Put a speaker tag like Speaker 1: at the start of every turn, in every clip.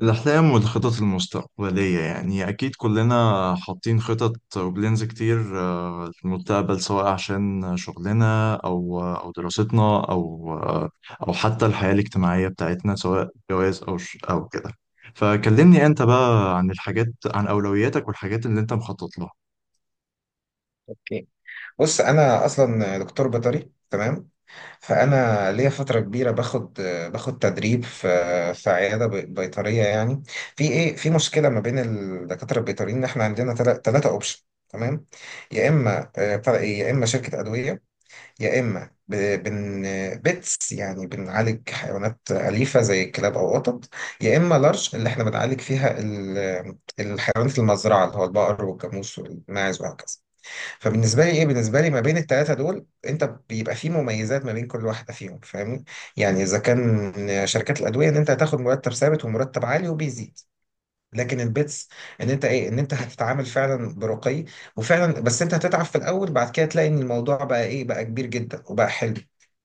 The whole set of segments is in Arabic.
Speaker 1: الأحلام والخطط المستقبلية يعني أكيد كلنا حاطين خطط وبلينز كتير، في المستقبل، سواء عشان شغلنا أو دراستنا أو أو حتى الحياة الاجتماعية بتاعتنا، سواء جواز أو كده. فكلمني أنت بقى عن الحاجات، عن أولوياتك والحاجات اللي أنت مخطط لها.
Speaker 2: اوكي، بص، انا اصلا دكتور بيطري، تمام. فانا ليا فتره كبيره باخد تدريب في عياده بيطريه، يعني. في مشكله ما بين الدكاتره البيطريين، ان احنا عندنا ثلاثه اوبشن، تمام. يا اما بتاع إيه، يا اما شركه ادويه، يا اما ب- بن بيتس، يعني بنعالج حيوانات اليفه زي الكلاب او قطط، يا اما لارج اللي احنا بنعالج فيها الحيوانات المزرعه، اللي هو البقر والجاموس والماعز وهكذا. فبالنسبه لي بالنسبه لي ما بين الثلاثه دول انت بيبقى في مميزات ما بين كل واحده فيهم، فاهمني؟ يعني اذا كان شركات الادويه، ان انت هتاخد مرتب ثابت ومرتب عالي وبيزيد. لكن البيتس، ان انت ان انت هتتعامل فعلا برقي وفعلا، بس انت هتتعب في الاول، بعد كده تلاقي ان الموضوع بقى كبير جدا وبقى حلو،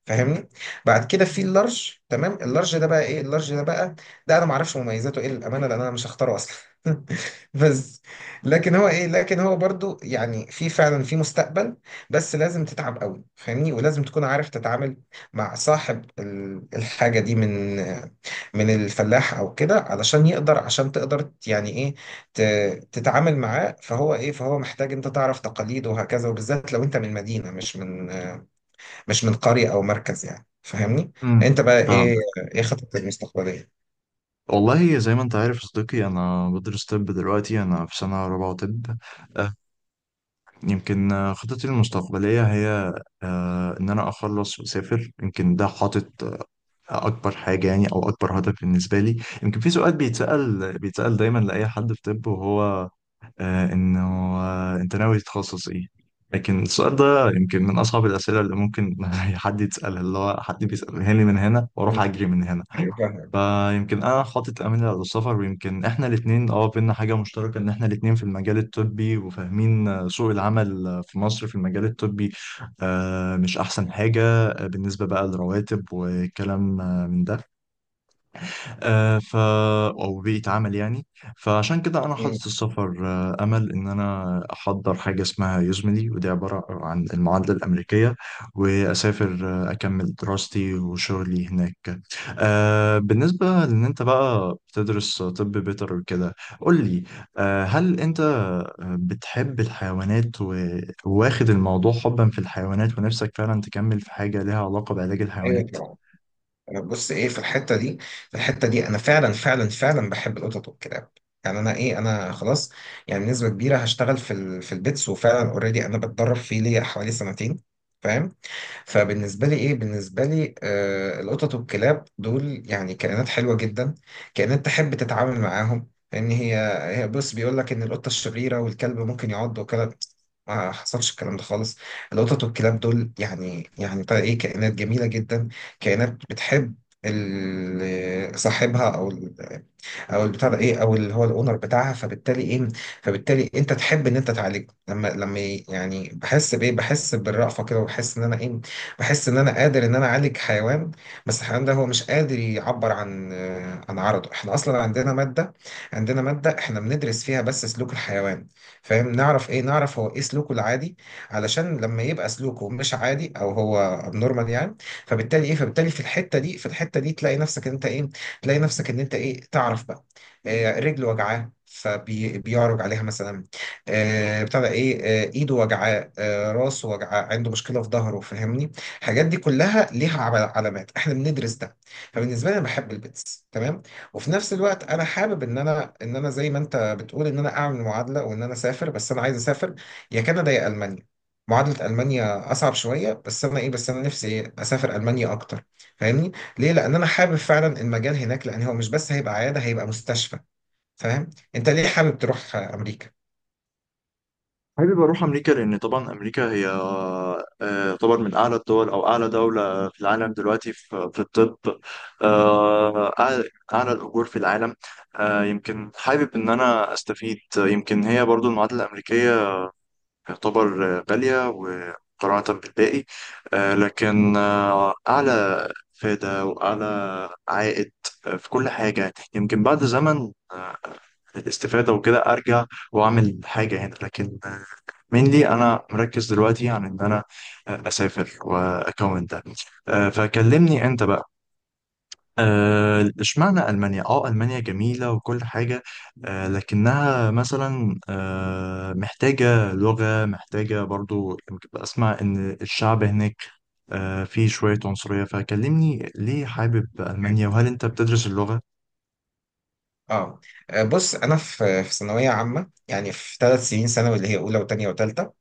Speaker 2: فاهمني؟ بعد كده في اللارج. تمام، اللارج ده بقى اللارج ده بقى، ده انا ما اعرفش مميزاته ايه، للامانه، لان انا مش هختاره اصلا. بس لكن هو ايه لكن هو برضو يعني في فعلا في مستقبل، بس لازم تتعب قوي، فاهمني؟ ولازم تكون عارف تتعامل مع صاحب الحاجه دي، من الفلاح او كده، علشان يقدر، عشان تقدر تتعامل معاه. فهو محتاج انت تعرف تقاليد وهكذا، وبالذات لو انت من مدينة مش من مش من قرية او مركز، يعني فاهمني؟
Speaker 1: امم.
Speaker 2: انت بقى
Speaker 1: فاهم.
Speaker 2: ايه ايه خطتك المستقبلية؟
Speaker 1: والله زي ما أنت عارف يا صديقي، أنا بدرس طب دلوقتي، أنا في سنة رابعة طب. يمكن خطتي المستقبلية هي إن أنا أخلص وأسافر. يمكن ده حاطط أكبر حاجة يعني، أو أكبر هدف بالنسبة لي. يمكن في سؤال بيتسأل دايما لأي حد في طب، وهو انه انت ناوي تتخصص ايه؟ لكن السؤال ده يمكن من اصعب الاسئله اللي ممكن حد يتسالها، اللي هو حد بيسالها لي من هنا واروح
Speaker 2: مم.
Speaker 1: اجري من هنا.
Speaker 2: ايوه، فاهم.
Speaker 1: فيمكن انا حاطط امل على السفر، ويمكن احنا الاثنين بينا حاجه مشتركه ان احنا الاثنين في المجال الطبي، وفاهمين سوق العمل في مصر في المجال الطبي مش احسن حاجه بالنسبه بقى للرواتب وكلام من ده، آه، ف او بيئه عمل يعني. فعشان كده انا
Speaker 2: مم.
Speaker 1: حاطط السفر امل ان انا احضر حاجه اسمها يوزملي، ودي عباره عن المعادله الامريكيه، واسافر اكمل دراستي وشغلي هناك. بالنسبه لان انت بقى بتدرس طب بيطري وكده، قول لي، هل انت بتحب الحيوانات وواخد الموضوع حبا في الحيوانات، ونفسك فعلا تكمل في حاجه لها علاقه بعلاج الحيوانات؟
Speaker 2: ايوه، طبعا. انا بص ايه، في الحتة دي انا فعلا فعلا فعلا بحب القطط والكلاب، يعني انا خلاص، يعني بنسبة كبيرة هشتغل في في البيتس. وفعلا اوريدي انا بتدرب فيه ليا حوالي سنتين، فاهم؟ فبالنسبة لي بالنسبة لي آه القطط والكلاب دول يعني كائنات حلوة جدا، كائنات تحب تتعامل معاهم. لأن هي هي بص، بيقول لك إن القطة الشريرة والكلب ممكن يعض، وكلب، ما حصلش الكلام ده خالص. القطط والكلاب دول يعني يعني بقى إيه كائنات جميلة جدا، كائنات بتحب صاحبها، أو او البتاع ده ايه او اللي هو الاونر بتاعها. فبالتالي فبالتالي انت تحب ان انت تعالجه، لما بحس بالرأفة كده، وبحس ان انا ايه بحس ان انا قادر ان انا اعالج حيوان، بس الحيوان ده هو مش قادر يعبر عن عن عرضه. احنا اصلا عندنا مادة، عندنا مادة احنا بندرس فيها بس سلوك الحيوان، فاهم؟ نعرف هو ايه سلوكه العادي، علشان لما يبقى سلوكه مش عادي او هو ابنورمال، يعني. فبالتالي في الحتة دي في الحتة دي تلاقي نفسك ان انت ايه، تعرف بقى، رجله وجعاه فبيعرج عليها مثلا، آه، بتاع ده ايه آه، ايده وجعاه، راسه وجعاه، عنده مشكله في ظهره، فاهمني؟ الحاجات دي كلها ليها علامات، احنا بندرس ده. فبالنسبه لي انا بحب البيتس، تمام. وفي نفس الوقت انا حابب ان انا زي ما انت بتقول ان انا اعمل معادله وان انا اسافر. بس انا عايز اسافر يا كندا يا المانيا. معادله المانيا اصعب شويه، بس انا نفسي إيه؟ اسافر المانيا اكتر، فاهمني؟ ليه؟ لان انا حابب فعلا المجال هناك، لان هو مش بس هيبقى عياده، هيبقى مستشفى. فاهم؟ انت ليه حابب تروح امريكا؟
Speaker 1: حابب اروح امريكا، لان طبعا امريكا هي تعتبر من اعلى الدول او اعلى دوله في العالم دلوقتي في الطب. أعلى أعلى الاجور في العالم. يمكن حابب ان انا استفيد. يمكن هي برضو المعادله الامريكيه تعتبر غاليه ومقارنه بالباقي، لكن اعلى افاده واعلى عائد في كل حاجه. يمكن بعد زمن الاستفاده وكده ارجع واعمل حاجه هنا، لكن مينلي انا مركز دلوقتي عن ان انا اسافر واكون ده. فكلمني انت بقى اشمعنى المانيا. اه المانيا جميله وكل حاجه، لكنها مثلا محتاجه لغه، محتاجه برضو. يمكن اسمع ان الشعب هناك فيه شويه عنصريه. فكلمني ليه حابب
Speaker 2: يعني.
Speaker 1: المانيا، وهل انت بتدرس اللغه؟
Speaker 2: اه، بص، انا في ثانويه عامه، يعني في ثلاث سنين ثانوي اللي هي اولى وثانيه وثالثه.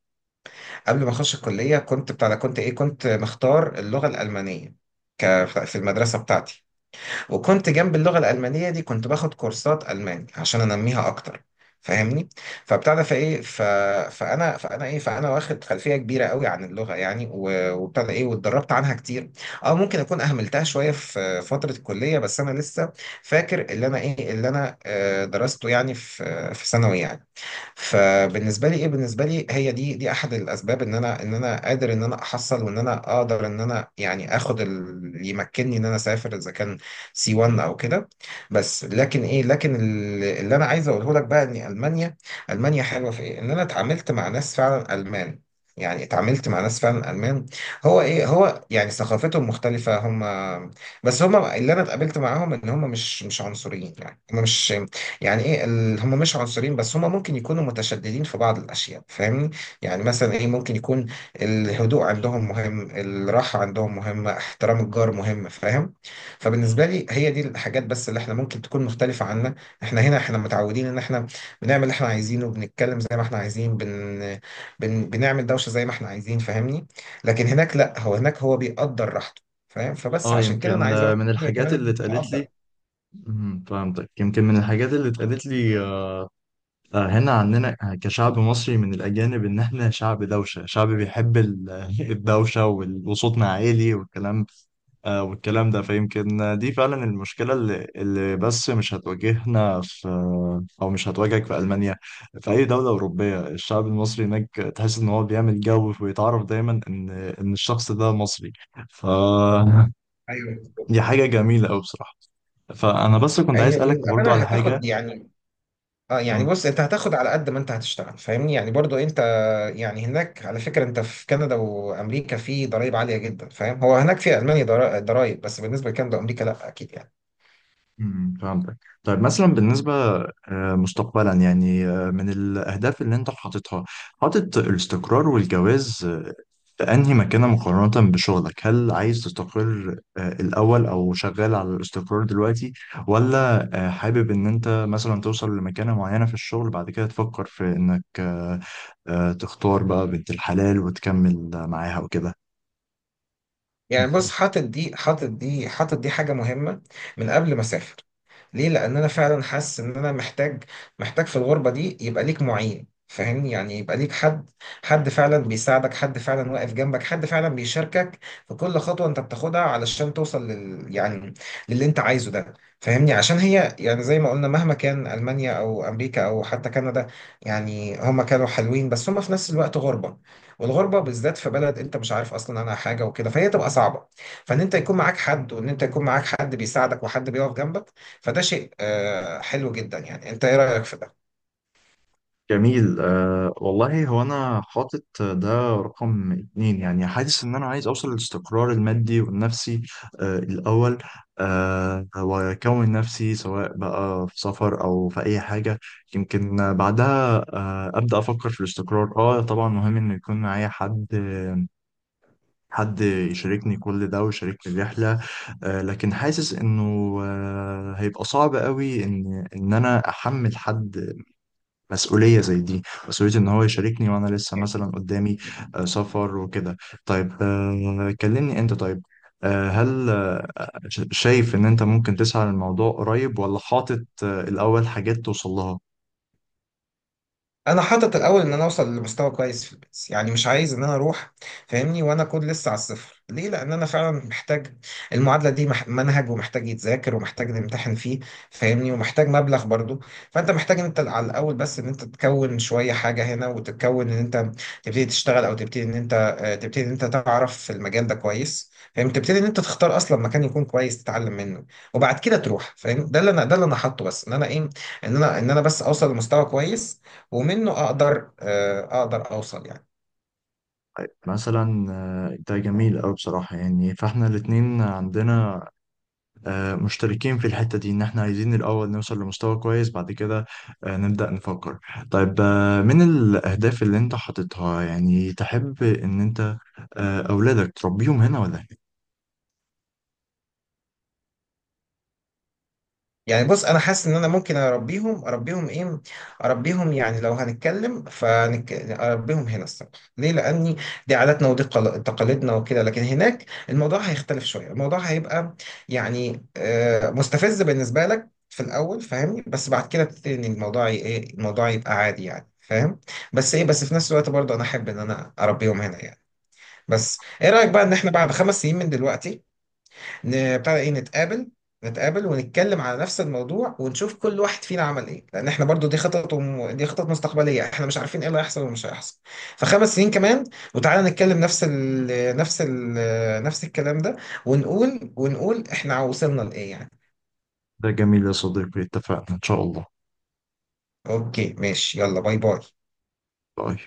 Speaker 2: قبل ما اخش الكليه كنت بتاع ده- كنت ايه كنت مختار اللغه الالمانيه في المدرسه بتاعتي. وكنت جنب اللغة الألمانية دي كنت باخد كورسات ألماني عشان أنميها أكتر، فاهمني؟ فبتاع ده فايه ف... فانا واخد خلفيه كبيره قوي عن اللغه، يعني، و- وبتاع ده ايه واتدربت عنها كتير. اه ممكن اكون اهملتها شويه في فتره الكليه، بس انا لسه فاكر اللي انا درسته يعني في في ثانوي يعني. فبالنسبه لي بالنسبه لي هي دي احد الاسباب ان انا قادر ان انا احصل وان انا اقدر ان انا اخد اللي يمكنني ان انا اسافر، اذا كان سي 1 او كده. بس لكن ايه لكن ال- اللي انا عايز اقوله لك بقى ان المانيا، المانيا حلوه في ايه، ان انا اتعاملت مع ناس فعلا المان، يعني اتعاملت مع ناس فعلا المان. هو يعني ثقافتهم مختلفه. هم بس هم اللي انا اتقابلت معاهم ان هم مش عنصريين، يعني هم مش يعني ايه ال- هم مش عنصريين، بس هم ممكن يكونوا متشددين في بعض الاشياء، فاهمني؟ يعني مثلا ممكن يكون الهدوء عندهم مهم، الراحه عندهم مهمه، احترام الجار مهم، فاهم؟ فبالنسبه لي هي دي الحاجات بس اللي احنا ممكن تكون مختلفه عنا. احنا هنا احنا متعودين ان احنا بنعمل اللي احنا عايزينه، بنتكلم زي ما احنا عايزين، بنعمل دوشه زي ما احنا عايزين، فاهمني؟ لكن هناك لا، هو هناك هو بيقدر راحته، فاهم؟ فبس
Speaker 1: اه
Speaker 2: عشان كده انا
Speaker 1: يمكن
Speaker 2: عايز اروح.
Speaker 1: من
Speaker 2: هي
Speaker 1: الحاجات اللي
Speaker 2: كمان
Speaker 1: اتقالت لي.
Speaker 2: بقدر.
Speaker 1: مهم، فهمتك. يمكن من الحاجات اللي اتقالت لي هنا عندنا كشعب مصري من الأجانب، إن إحنا شعب دوشة، شعب بيحب الدوشة وصوتنا عالي والكلام، والكلام ده. فيمكن دي فعلا المشكلة اللي بس مش هتواجهنا في، أو مش هتواجهك في ألمانيا، في أي دولة أوروبية. الشعب المصري هناك تحس إن هو بيعمل جو، ويتعرف دايما إن الشخص ده مصري. ف
Speaker 2: ايوه،
Speaker 1: دي حاجة جميلة أوي بصراحة. فأنا بس كنت عايز
Speaker 2: هي
Speaker 1: أسألك برضو
Speaker 2: للأمانة
Speaker 1: على حاجة.
Speaker 2: هتاخد يعني، اه يعني بص، انت هتاخد على قد ما انت هتشتغل، فاهمني؟ يعني برضو انت، يعني هناك على فكرة، انت في كندا وامريكا في ضرائب عالية جدا، فاهم؟ هو هناك في المانيا ضرائب، بس بالنسبة لكندا وامريكا لا، اكيد يعني.
Speaker 1: امم. فهمتك. طيب مثلا، بالنسبة مستقبلا يعني، من الأهداف اللي أنت حاططها، حاطط الاستقرار والجواز في أنهي مكانة مقارنة بشغلك؟ هل عايز تستقر الأول، أو شغال على الاستقرار دلوقتي، ولا حابب إن أنت مثلا توصل لمكانة معينة في الشغل بعد كده تفكر في إنك تختار بقى بنت الحلال وتكمل معاها وكده؟
Speaker 2: يعني بص، حاطط دي حاجة مهمة من قبل ما أسافر. ليه؟ لأن أنا فعلا حاسس إن أنا محتاج، محتاج في الغربة دي يبقى ليك معين، فاهمني؟ يعني يبقى ليك حد، حد فعلا بيساعدك، حد فعلا واقف جنبك، حد فعلا بيشاركك في كل خطوة أنت بتاخدها علشان توصل لل، يعني للي أنت عايزه ده، فاهمني؟ عشان هي يعني زي ما قلنا، مهما كان ألمانيا أو أمريكا أو حتى كندا، يعني هما كانوا حلوين، بس هما في نفس الوقت غربة. والغربه بالذات في بلد انت مش عارف اصلا عنها حاجه وكده، فهي تبقى صعبه. فان انت يكون معاك حد، وان انت يكون معاك حد بيساعدك وحد بيقف جنبك، فده شيء حلو جدا، يعني. انت ايه رايك في ده؟
Speaker 1: جميل. والله هو أنا حاطط ده رقم اتنين يعني. حاسس إن أنا عايز أوصل للاستقرار المادي والنفسي الأول. وأكون نفسي سواء بقى في سفر أو في أي حاجة. يمكن بعدها أبدأ أفكر في الاستقرار. طبعا مهم إنه يكون معايا حد، حد يشاركني كل ده ويشاركني الرحلة. لكن حاسس إنه هيبقى صعب قوي إن أنا أحمل حد مسؤولية زي دي، مسؤولية إن هو يشاركني وأنا لسه مثلا قدامي سفر وكده. طيب كلمني أنت. طيب هل شايف إن أنت ممكن تسعى للموضوع قريب، ولا حاطط الأول حاجات توصل لها؟
Speaker 2: انا حاطط الاول ان انا اوصل لمستوى كويس في البيس، يعني مش عايز ان انا اروح، فاهمني؟ وانا اكون لسه على الصفر. ليه؟ لان انا فعلا محتاج المعادله دي، منهج ومحتاج يتذاكر ومحتاج نمتحن فيه، فاهمني؟ ومحتاج مبلغ برضو. فانت محتاج انت على الاول بس ان انت تكون شويه حاجه هنا، وتتكون ان انت تبتدي تشتغل، او تبتدي ان انت تبتدي ان انت تعرف في المجال ده كويس، فاهم؟ تبتدي ان انت تختار اصلا مكان يكون كويس تتعلم منه، وبعد كده تروح، فاهم؟ ده اللي انا حاطه، بس ان انا ايه ان انا بس اوصل لمستوى كويس، ومنه اقدر اقدر اوصل، يعني.
Speaker 1: مثلا ده جميل أوي بصراحة يعني. فإحنا الاتنين عندنا مشتركين في الحتة دي، ان احنا عايزين الاول نوصل لمستوى كويس، بعد كده نبدأ نفكر. طيب من الاهداف اللي انت حاططها، يعني تحب ان انت اولادك تربيهم هنا ولا هنا؟
Speaker 2: يعني بص انا حاسس ان انا ممكن اربيهم، اربيهم ايه اربيهم يعني لو هنتكلم اربيهم هنا الصراحه. ليه؟ لاني دي عاداتنا ودي تقاليدنا وكده. لكن هناك الموضوع هيختلف شويه، الموضوع هيبقى يعني مستفز بالنسبه لك في الاول، فاهمني؟ بس بعد كده تبتدي ان الموضوع ي- ايه الموضوع يبقى عادي، يعني فاهم؟ بس ايه، بس في نفس الوقت برضه انا احب ان انا اربيهم هنا، يعني. بس ايه رايك بقى ان احنا بعد خمس سنين من دلوقتي ن- بتاع ده ايه نتقابل نتقابل ونتكلم على نفس الموضوع، ونشوف كل واحد فينا عمل ايه؟ لان احنا برضو دي خطط دي خطط مستقبليه، احنا مش عارفين ايه اللي هيحصل ومش هيحصل. فخمس سنين كمان وتعالى نتكلم نفس الكلام ده، ونقول احنا وصلنا لايه، يعني.
Speaker 1: ده جميل يا صديقي، اتفقنا ان شاء الله.
Speaker 2: اوكي، ماشي، يلا باي باي.
Speaker 1: باي.